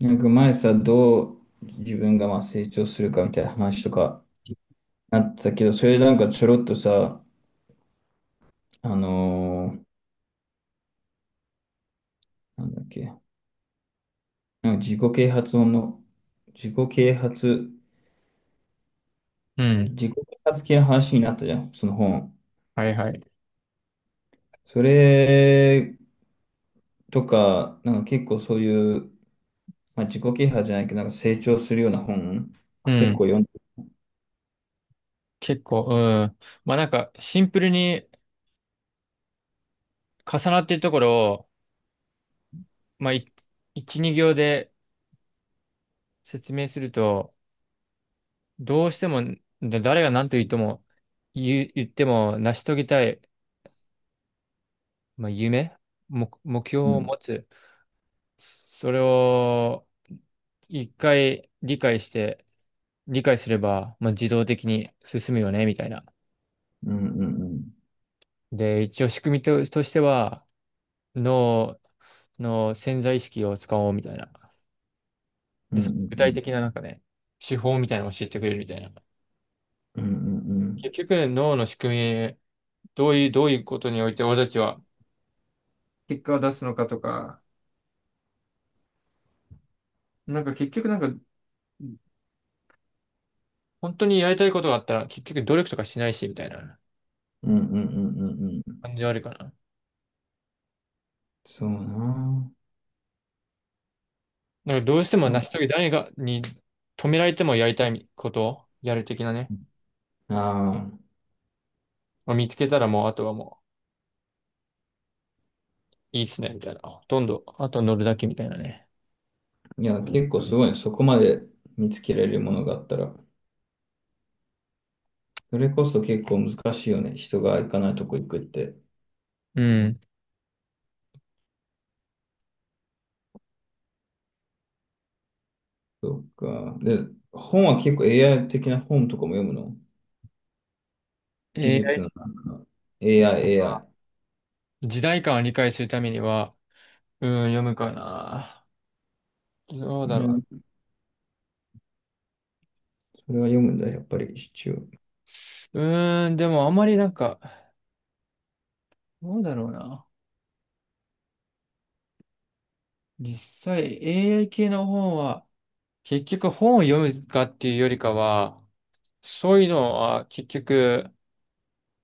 なんか前さ、どう自分がまあ成長するかみたいな話とかなってたけど、それなんかちょろっとさ、あのーなんだっけ、なんか自己啓発、う自ん。己啓発系の話になったじゃん、その本。はいはい。それとか、なんか結構そういう、まあ、自己啓発じゃないけど、なんか成長するような本、う結ん。構読んで。結構、うん。まあなんか、シンプルに重なっているところを、まあ、一、二行で説明すると、どうしても、誰が何と言っても、言っても成し遂げたい、まあ、夢、目標うをん。持つ。それを、一回理解して、理解すれば、まあ、自動的に進むよね、みたいな。うんうんうん。で、一応仕組みとしては、脳の潜在意識を使おう、みたいな。うんで、うその具体的んななんかね、手法みたいなのを教えてくれるみたいな。うん。うんうんうん。結局、脳の仕組み、どういうことにおいて俺たちは結果を出すのかとか、なんか結局なんか、本当にやりたいことがあったら結局努力とかしないし、みたいなうんうんうんうんうん。感じはあるかな。そうなぁ。なんかどうしても成し遂げ、誰が、に止められてもやりたいことをやる的なね。ああ、まあ見つけたらもう、あとはもう、いいっすね、みたいな。ほとんど、あと乗るだけみたいなね。いや、結構すごいね。そこまで見つけられるものがあったら。それこそ結構難しいよね。人が行かないとこ行くって。うん。そっか。で、本は結構 AI 的な本とかも読むの？技術 a のなんか AI、AI。時代感を理解するためには、うん、読むかな。どううだろん、それは読むんだ、やっぱり一応。う。でもあんまりなんか、どうだろうな。実際、AI 系の本は、結局本を読むかっていうよりかは、そういうのは結局、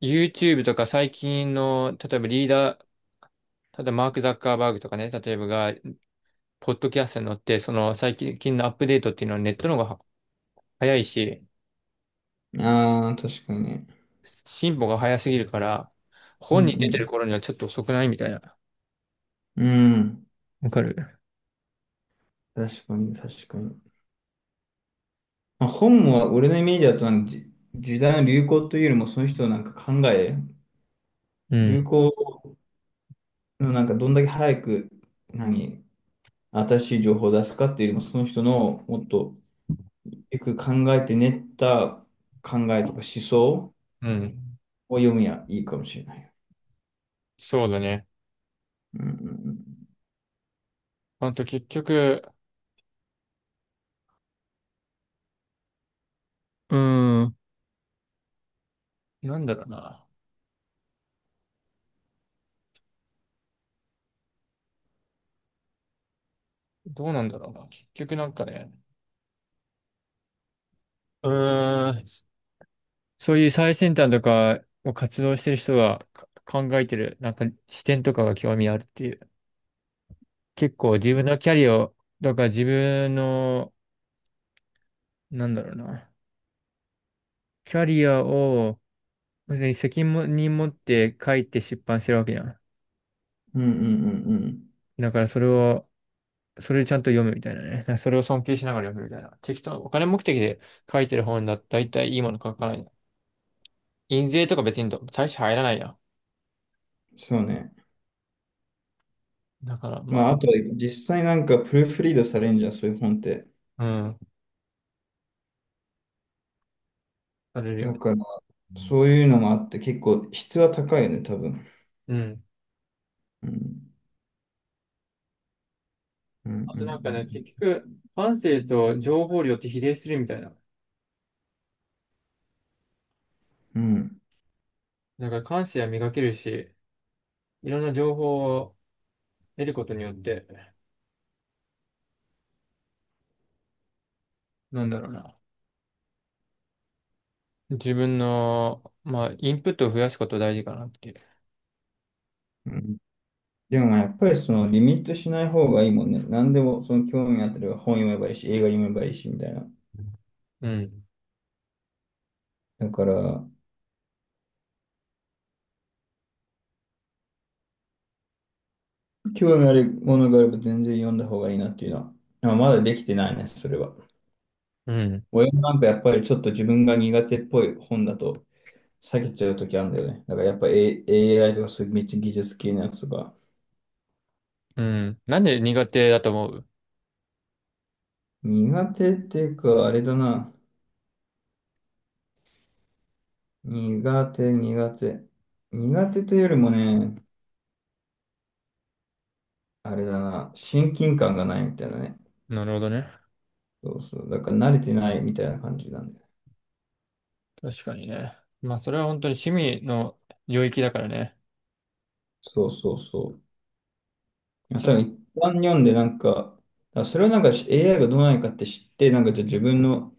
YouTube とか最近の、例えばリーダー、ただマーク・ザッカーバーグとかね、例えばが、ポッドキャストに乗って、その最近のアップデートっていうのはネットの方が早いし、ああ、確かに。進歩が早すぎるから、う本に出てるん頃にはちょっと遅くないみたいな。うん。うん。わかる。確かに、確かに。まあ、本は俺のイメージだとなんか時代の流行というよりもその人のなんか考え。う流ん。行でもなんかどんだけ早く、何、新しい情報を出すかっていうよりも、その人のもっとよく考えて練った考えとか思想うん。を読みやいいかもしれない。そうだね。うんうんあと結局、うーん。なんだろうな。どうなんだろうな。結局なんかね、うーん、そういう最先端とかを活動してる人がか考えてる、なんか視点とかが興味あるっていう。結構自分のキャリアを、だから自分の、なんだろうな。キャリアを、別に責任持って書いて出版してるわけじゃん。うん。うんうんうんうん。だからそれを、それでちゃんと読むみたいなね。なんかそれを尊敬しながら読むみたいな。適当、お金目的で書いてる本だったら大体いいもの書かない。印税とか別に大して入らないや。そうね。だから、ままあ、あと、実際なんかプルーフリードされんじゃん、そういう本って。あ、うん、されるよだね。から、うん。そういうのもあって、結構質は高いよね、多分。うん。うんうあとなんかね、結ん局、感性と情報量って比例するみたいな。うんうん。うん。だから感性は磨けるし、いろんな情報を得ることによって、なんだろうな。自分の、まあ、インプットを増やすこと大事かなっていう。うん。でもやっぱりそのリミットしない方がいいもんね。何でもその興味あったら本読めばいいし、映画読めばいいしみたいな。うん。だから、興味あるものがあれば全然読んだ方がいいなっていうのは。まあ、まだできてないね、それは。うん。親もなんかやっぱりちょっと自分が苦手っぽい本だと避けちゃうときあるんだよね。だからやっぱ、AI とかそういうめっちゃ技術系のやつとか。うん。なんで苦手だと思う？苦手っていうか、あれだな。苦手、苦手。苦手というよりもね、あれだな。親近感がないみたいなね。なるほどね。そうそう。だから慣れてないみたいな感じなんだよね。確かにね。まあ、それは本当に趣味の領域だからね。そうそうそう。いや多分そ一般読んでなんか、あそれはなんかし AI がどうなのかって知って、なんかじゃあ自分の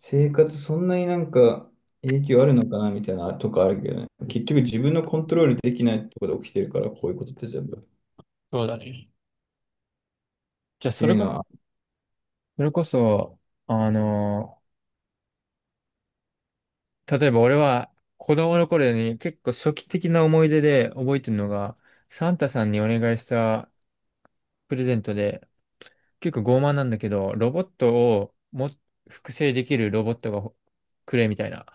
生活そんなになんか影響あるのかなみたいなとかあるけどね。結局自分のコントロールできないところで起きてるから、こういうことって全部。っそうだね。じゃあ、てそれいうがのは、それこそ、あの、例えば俺は子供の頃に結構初期的な思い出で覚えてるのが、サンタさんにお願いしたプレゼントで、結構傲慢なんだけど、ロボットをも複製できるロボットがほくれみたいな、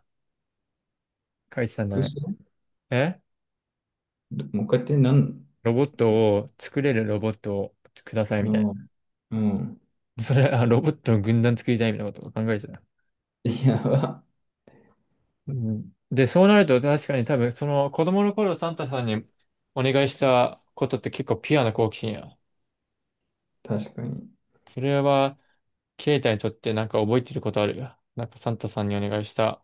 書いてたんだ複ね。数？えもう一回やってロボットを作れるロボットをくださいうみたいん、うん。な。それ、あ、ロボットの軍団作りたいみたいなことを考えてた。いや、うん。で、そうなると確かに多分、その子供の頃サンタさんにお願いしたことって結構ピュアな好奇心や。確かに。それは、ケイタにとってなんか覚えてることあるよ。なんかサンタさんにお願いした。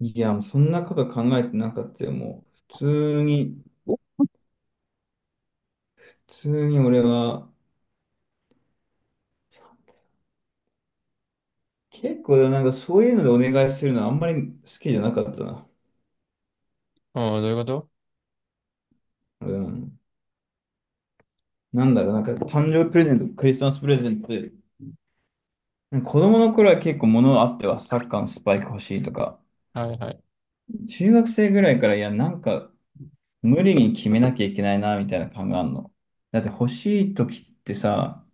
いや、もうそんなこと考えてなかったよ。もう通に、普通に俺は、結構なんかそういうのでお願いするのはあんまり好きじゃなかったな。うん、どういうこと？うん。なんだろう、なんか誕生日プレゼント、クリスマスプレゼントで、子供の頃は結構物あってはサッカーのスパイク欲しいとか、はいはい。中学生ぐらいからいや、なんか無理に決めなきゃいけないなみたいな感があるの。だって欲しい時ってさ、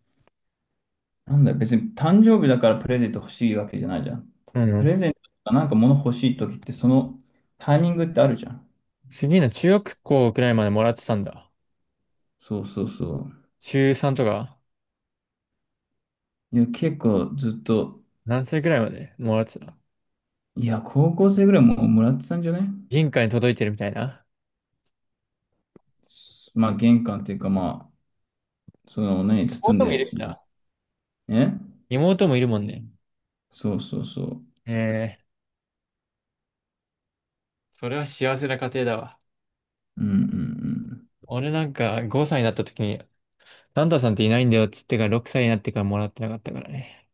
なんだ、別に誕生日だからプレゼント欲しいわけじゃないじゃん。うプん。レゼントとかなんか物欲しい時ってそのタイミングってあるじゃん。次の中学校くらいまでもらってたんだ。そうそうそう。中3とか、いや、結構ずっと、何歳くらいまでもらってた？いや、高校生ぐらいもうもらってたんじゃね？銀貨に届いてるみたいな。まあ、玄関っていうか、まあ、その、包ん妹もいで、るしな。ね。妹もいるもんね。そうそうそう。ええ、それは幸せな家庭だわ。うんうんうん。俺なんか5歳になった時にサンタさんっていないんだよっつってから6歳になってからもらってなかったからね。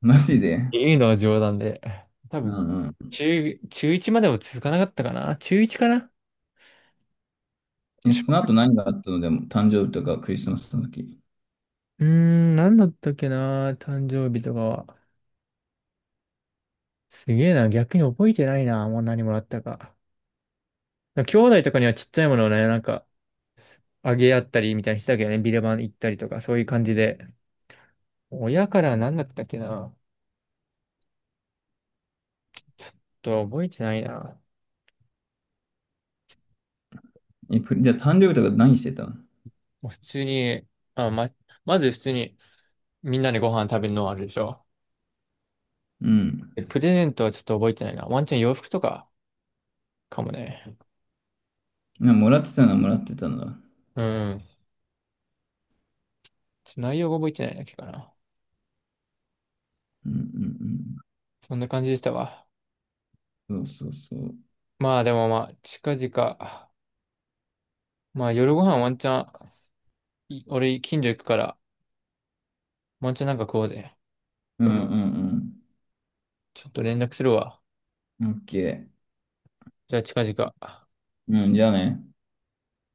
マジっで？ていうのは冗談で。多う分、んうん。中1までも続かなかったかな、中1かな。え、ちそのょ後何があったの？でも、誕生日とかクリスマスの時。うーん、何だったっけな、誕生日とかは。すげえな、逆に覚えてないな、もう何もらったか。兄弟とかにはちっちゃいものをね、なんか、あげ合ったりみたいにしてたけどね、ビレバン行ったりとか、そういう感じで。親からは何だったっけな。ちょっと覚えてないな。え、じゃあ誕生日とか何してたの？もう普通に、あ、ま、まず普通に、みんなでご飯食べるのはあるでしょ？うん。プレゼントはちょっと覚えてないな。ワンチャン洋服とかかもね。いやもらってたのはもらってたんだ。うんうん。ちょっと内容が覚えてないだけかな。うんそんな感じでしたわ。うん。そうそうそう。まあでもまあ、近々。まあ夜ご飯ワンチャン、俺近所行くから、ワンチャンなんか食おうぜ。うんうんちょっと連絡するわ。うん。オッケー。じゃあ近々。うん、じゃあね。